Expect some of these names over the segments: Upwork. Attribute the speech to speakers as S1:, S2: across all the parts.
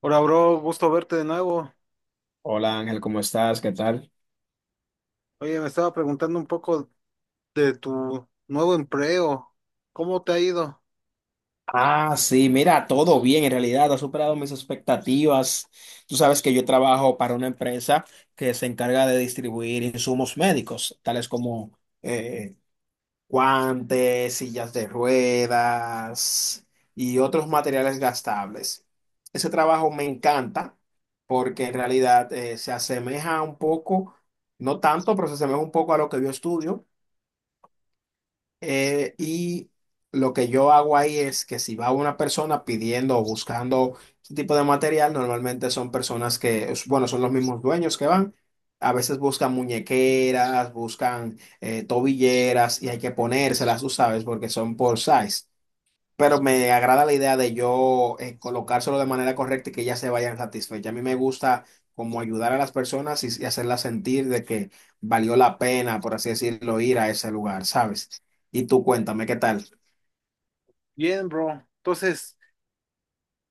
S1: Hola, bro, gusto verte de nuevo.
S2: Hola Ángel, ¿cómo estás? ¿Qué tal?
S1: Oye, me estaba preguntando un poco de tu nuevo empleo. ¿Cómo te ha ido?
S2: Ah, sí, mira, todo bien, en realidad ha superado mis expectativas. Tú sabes que yo trabajo para una empresa que se encarga de distribuir insumos médicos, tales como guantes, sillas de ruedas y otros materiales gastables. Ese trabajo me encanta porque en realidad se asemeja un poco, no tanto, pero se asemeja un poco a lo que yo estudio. Y lo que yo hago ahí es que si va una persona pidiendo o buscando este tipo de material, normalmente son personas que bueno, son los mismos dueños que van. A veces buscan muñequeras, buscan tobilleras y hay que ponérselas, tú sabes, porque son por size. Pero me agrada la idea de yo colocárselo de manera correcta y que ellas se vayan satisfechas. A mí me gusta como ayudar a las personas y hacerlas sentir de que valió la pena, por así decirlo, ir a ese lugar, ¿sabes? Y tú cuéntame, ¿qué tal?
S1: Bien, bro. Entonces,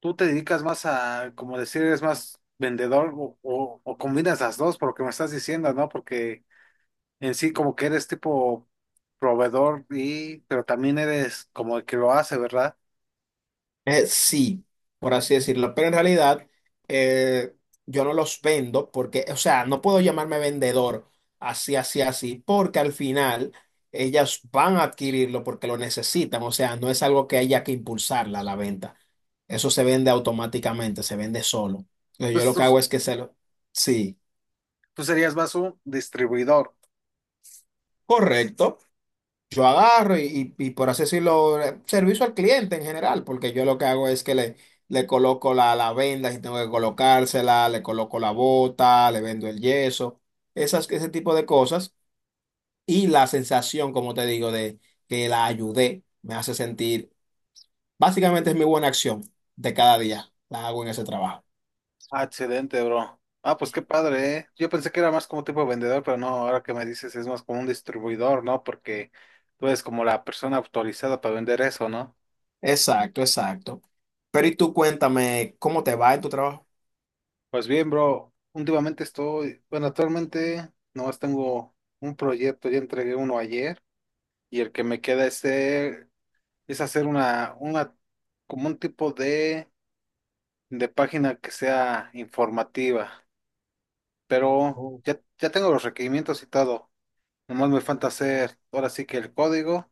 S1: ¿tú te dedicas más a, como decir, eres más vendedor o combinas las dos por lo que me estás diciendo, ¿no? Porque en sí como que eres tipo proveedor y, pero también eres como el que lo hace, ¿verdad?
S2: Sí, por así decirlo, pero en realidad eh, yo no los vendo porque, o sea, no puedo llamarme vendedor así, así, así, porque al final ellas van a adquirirlo porque lo necesitan, o sea, no es algo que haya que impulsarla a la venta, eso se vende automáticamente, se vende solo. Entonces, yo
S1: Pues
S2: lo
S1: tú,
S2: que hago es que se lo... Sí,
S1: tú serías más un distribuidor.
S2: correcto. Yo agarro y por así decirlo, servicio al cliente en general, porque yo lo que hago es que le coloco la venda si tengo que colocársela, le coloco la bota, le vendo el yeso, esas, ese tipo de cosas. Y la sensación, como te digo, de que la ayudé, me hace sentir, básicamente es mi buena acción de cada día, la hago en ese trabajo.
S1: Ah, excelente, bro. Ah, pues qué padre, ¿eh? Yo pensé que era más como tipo de vendedor, pero no, ahora que me dices es más como un distribuidor, ¿no? Porque tú eres como la persona autorizada para vender eso, ¿no?
S2: Exacto, exacto. Pero y tú cuéntame, ¿cómo te va en tu trabajo?
S1: Pues bien, bro, últimamente estoy, bueno, actualmente nomás tengo un proyecto, ya entregué uno ayer y el que me queda es hacer una, como un tipo de página que sea informativa, pero ya tengo los requerimientos y todo. Nomás me falta hacer ahora sí que el código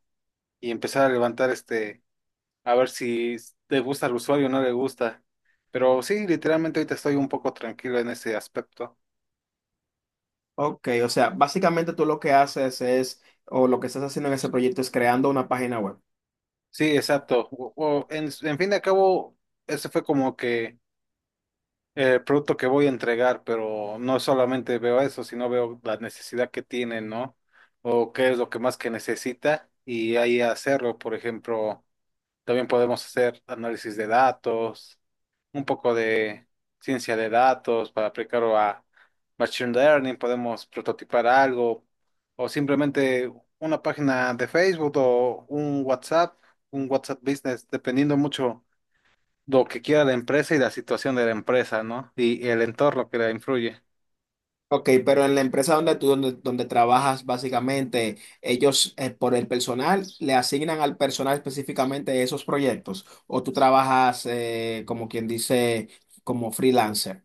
S1: y empezar a levantar este, a ver si le gusta al usuario o no le gusta. Pero sí, literalmente ahorita estoy un poco tranquilo en ese aspecto.
S2: Ok, o sea, básicamente tú lo que haces es, o lo que estás haciendo en ese proyecto es creando una página web.
S1: Sí, exacto. En fin de acabo, ese fue como que el producto que voy a entregar, pero no solamente veo eso, sino veo la necesidad que tiene, ¿no? O qué es lo que más que necesita y ahí hacerlo. Por ejemplo, también podemos hacer análisis de datos un poco de ciencia de datos para aplicarlo a machine learning, podemos prototipar algo o simplemente una página de Facebook o un WhatsApp Business, dependiendo mucho lo que quiera la empresa y la situación de la empresa, ¿no? Y el entorno que la influye.
S2: Ok, pero en la empresa donde donde trabajas, básicamente, ellos por el personal le asignan al personal específicamente esos proyectos, o tú trabajas como quien dice, como freelancer.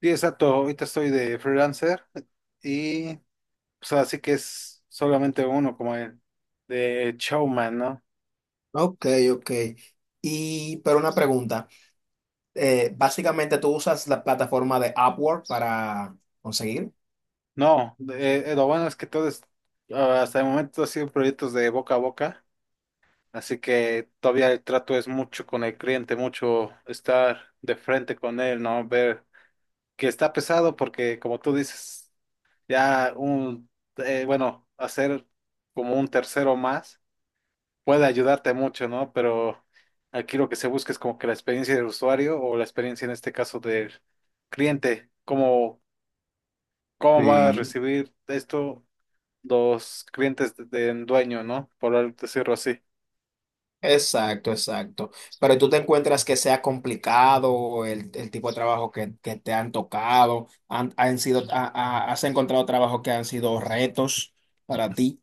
S1: Sí, exacto, ahorita estoy de freelancer y pues así que es solamente uno como el de showman, ¿no?
S2: Ok, ok. Y, pero una pregunta, básicamente tú usas la plataforma de Upwork para conseguir.
S1: No, lo bueno es que todos, ah, hasta el momento, han sido proyectos de boca a boca, así que todavía el trato es mucho con el cliente, mucho estar de frente con él, ¿no? Ver que está pesado porque, como tú dices, ya un, bueno, hacer como un tercero más puede ayudarte mucho, ¿no? Pero aquí lo que se busca es como que la experiencia del usuario o la experiencia en este caso del cliente, cómo, cómo va a
S2: Sí.
S1: recibir esto los clientes del dueño, ¿no? Por decirlo así.
S2: Exacto, exacto. Pero tú te encuentras que sea complicado el tipo de trabajo que te han tocado, han sido, has encontrado trabajos que han sido retos para ti.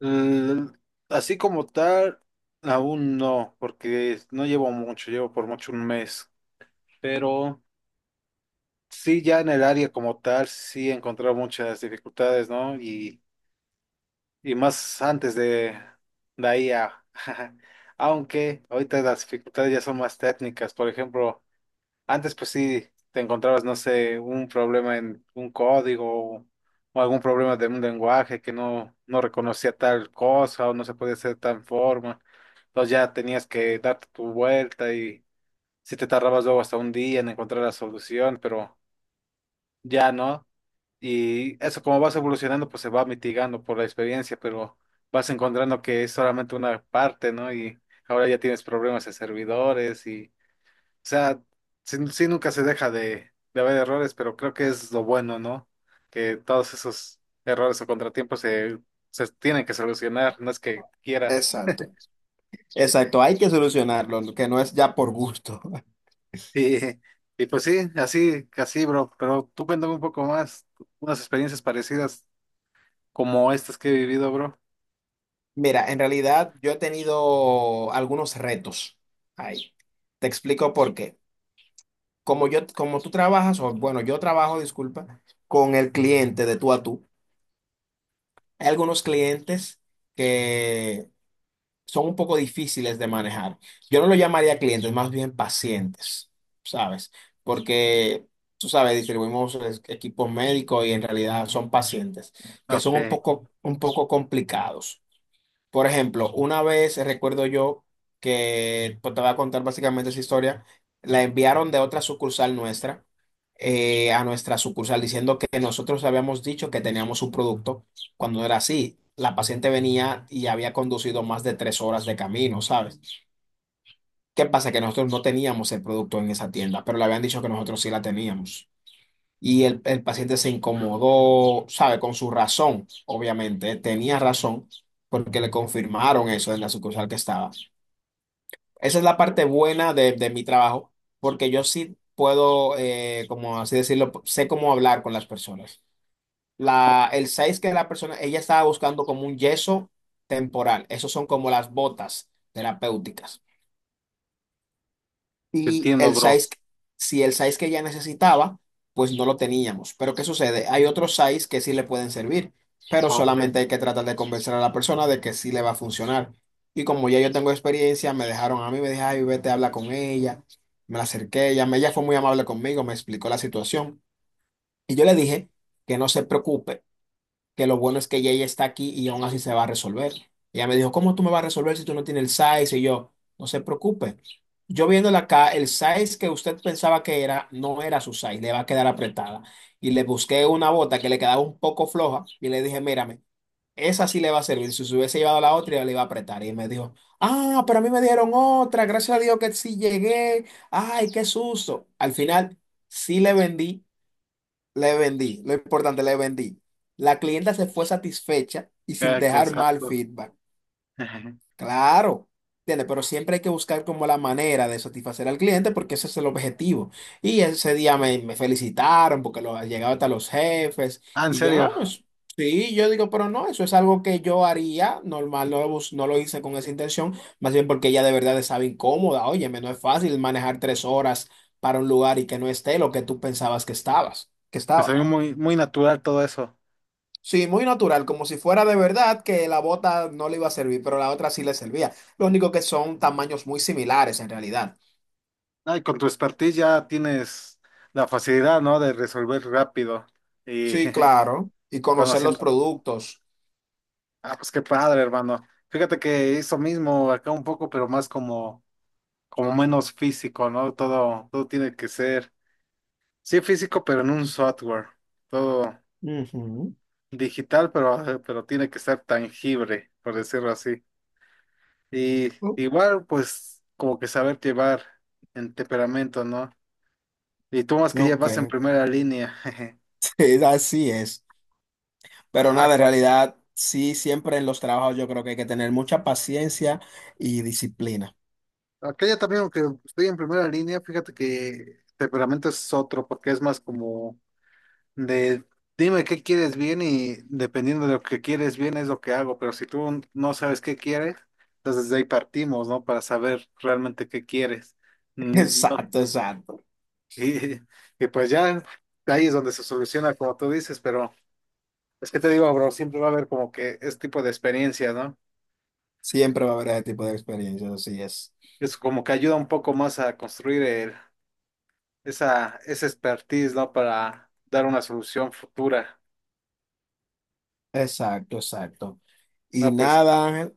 S1: L- Así como tal, aún no, porque no llevo mucho, llevo por mucho un mes, pero sí ya en el área como tal, sí he encontrado muchas dificultades, ¿no? Y más antes de la I a aunque ahorita las dificultades ya son más técnicas, por ejemplo. Antes, pues sí, te encontrabas, no sé, un problema en un código o algún problema de un lenguaje que no, no reconocía tal cosa o no se podía hacer de tal forma. Entonces ya tenías que darte tu vuelta y si te tardabas luego hasta un día en encontrar la solución, pero ya no. Y eso como vas evolucionando, pues se va mitigando por la experiencia, pero vas encontrando que es solamente una parte, ¿no? Y ahora ya tienes problemas de servidores y o sea, sí, sí nunca se deja de haber errores, pero creo que es lo bueno, ¿no? Que todos esos errores o contratiempos se tienen que solucionar, no es que quieras.
S2: Exacto. Exacto, hay que solucionarlo, que no es ya por gusto.
S1: Y, y pues sí, así, así, bro. Pero tú cuéntame un poco más, unas experiencias parecidas como estas que he vivido, bro.
S2: Mira, en realidad yo he tenido algunos retos ahí. Te explico por qué. Como yo, como tú trabajas, o bueno, yo trabajo, disculpa, con el cliente de tú a tú. Hay algunos clientes que son un poco difíciles de manejar. Yo no lo llamaría clientes, más bien pacientes, ¿sabes? Porque, tú sabes, distribuimos equipos médicos y en realidad son pacientes, que
S1: Ok,
S2: son
S1: te
S2: un poco complicados. Por ejemplo, una vez recuerdo yo que pues, te voy a contar básicamente esa historia, la enviaron de otra sucursal nuestra a nuestra sucursal diciendo que nosotros habíamos dicho que teníamos un producto cuando no era así. La paciente venía y había conducido más de 3 horas de camino, ¿sabes? ¿Qué pasa? Que nosotros no teníamos el producto en esa tienda, pero le habían dicho que nosotros sí la teníamos y el paciente se incomodó, sabe, con su razón, obviamente, tenía razón porque le confirmaron eso en la sucursal que estaba. Esa es la parte buena de mi trabajo, porque yo sí puedo, como así decirlo, sé cómo hablar con las personas. El 6 que la persona, ella estaba buscando como un yeso temporal, esos son como las botas terapéuticas. Y
S1: entiendo,
S2: el
S1: bro.
S2: size, si el size que ya necesitaba, pues no lo teníamos. Pero ¿qué sucede? Hay otros size que sí le pueden servir, pero
S1: Ok,
S2: solamente hay que tratar de convencer a la persona de que sí le va a funcionar. Y como ya yo tengo experiencia, me dejaron a mí, me dijeron, ay, vete, habla con ella. Me la acerqué, ella fue muy amable conmigo, me explicó la situación. Y yo le dije que no se preocupe que lo bueno es que ella ya está aquí y aún así se va a resolver. Ella me dijo, ¿cómo tú me vas a resolver si tú no tienes el size? Y yo, no se preocupe. Yo viéndola acá, el size que usted pensaba que era, no era su size, le va a quedar apretada. Y le busqué una bota que le quedaba un poco floja y le dije, mírame, esa sí le va a servir. Si se hubiese llevado la otra, yo le iba a apretar. Y me dijo, ah, pero a mí me dieron otra, gracias a Dios que sí llegué. Ay, qué susto. Al final, sí le vendí, le vendí, lo importante, le vendí. La clienta se fue satisfecha y sin
S1: ah qué
S2: dejar mal
S1: exacto.
S2: feedback. Claro, ¿entiendes? Pero siempre hay que buscar como la manera de satisfacer al cliente porque ese es el objetivo. Y ese día me felicitaron porque llegaba hasta los jefes
S1: Ah, en
S2: y yo
S1: serio,
S2: no, pues sí, yo digo, pero no, eso es algo que yo haría normal, no lo hice con esa intención, más bien porque ella de verdad estaba incómoda. Óyeme, no es fácil manejar 3 horas para un lugar y que no esté lo que tú pensabas que
S1: te
S2: estaba.
S1: salió muy, muy natural todo eso.
S2: Sí, muy natural, como si fuera de verdad que la bota no le iba a servir, pero la otra sí le servía. Lo único que son tamaños muy similares en realidad.
S1: No, y con tu expertise ya tienes la facilidad, ¿no? De resolver rápido y
S2: Sí, claro. Y conocer los
S1: conociendo.
S2: productos.
S1: Ah, pues qué padre, hermano. Fíjate que eso mismo acá un poco, pero más como, como menos físico, ¿no? Todo, todo tiene que ser, sí físico, pero en un software. Todo digital, pero tiene que ser tangible, por decirlo así. Y
S2: Ujú.
S1: igual, pues, como que saber llevar en temperamento, ¿no? Y tú más que
S2: Ok,
S1: llevas en primera línea.
S2: así es.
S1: ¿A
S2: Pero
S1: a
S2: nada, en realidad, sí, siempre en los trabajos yo creo que hay que tener mucha paciencia y disciplina.
S1: Acá ya también, aunque estoy en primera línea, fíjate que temperamento es otro, porque es más como de dime qué quieres bien y dependiendo de lo que quieres bien es lo que hago, pero si tú no sabes qué quieres, entonces de ahí partimos, ¿no? Para saber realmente qué quieres. Mm, no.
S2: Exacto, exacto.
S1: Y, y pues ya ahí es donde se soluciona, como tú dices, pero es que te digo, bro, siempre va a haber como que este tipo de experiencias, ¿no?
S2: Siempre va a haber ese tipo de experiencias, así es.
S1: Es como que ayuda un poco más a construir el esa expertise, ¿no? Para dar una solución futura.
S2: Exacto, exacto. Y
S1: No, pues
S2: nada, Ángel,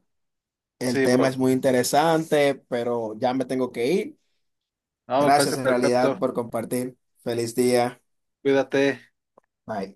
S2: el
S1: sí,
S2: tema es
S1: bro.
S2: muy interesante, pero ya me tengo que ir.
S1: No, me
S2: Gracias
S1: parece
S2: en realidad
S1: perfecto.
S2: por compartir. Feliz día.
S1: Cuídate.
S2: Bye.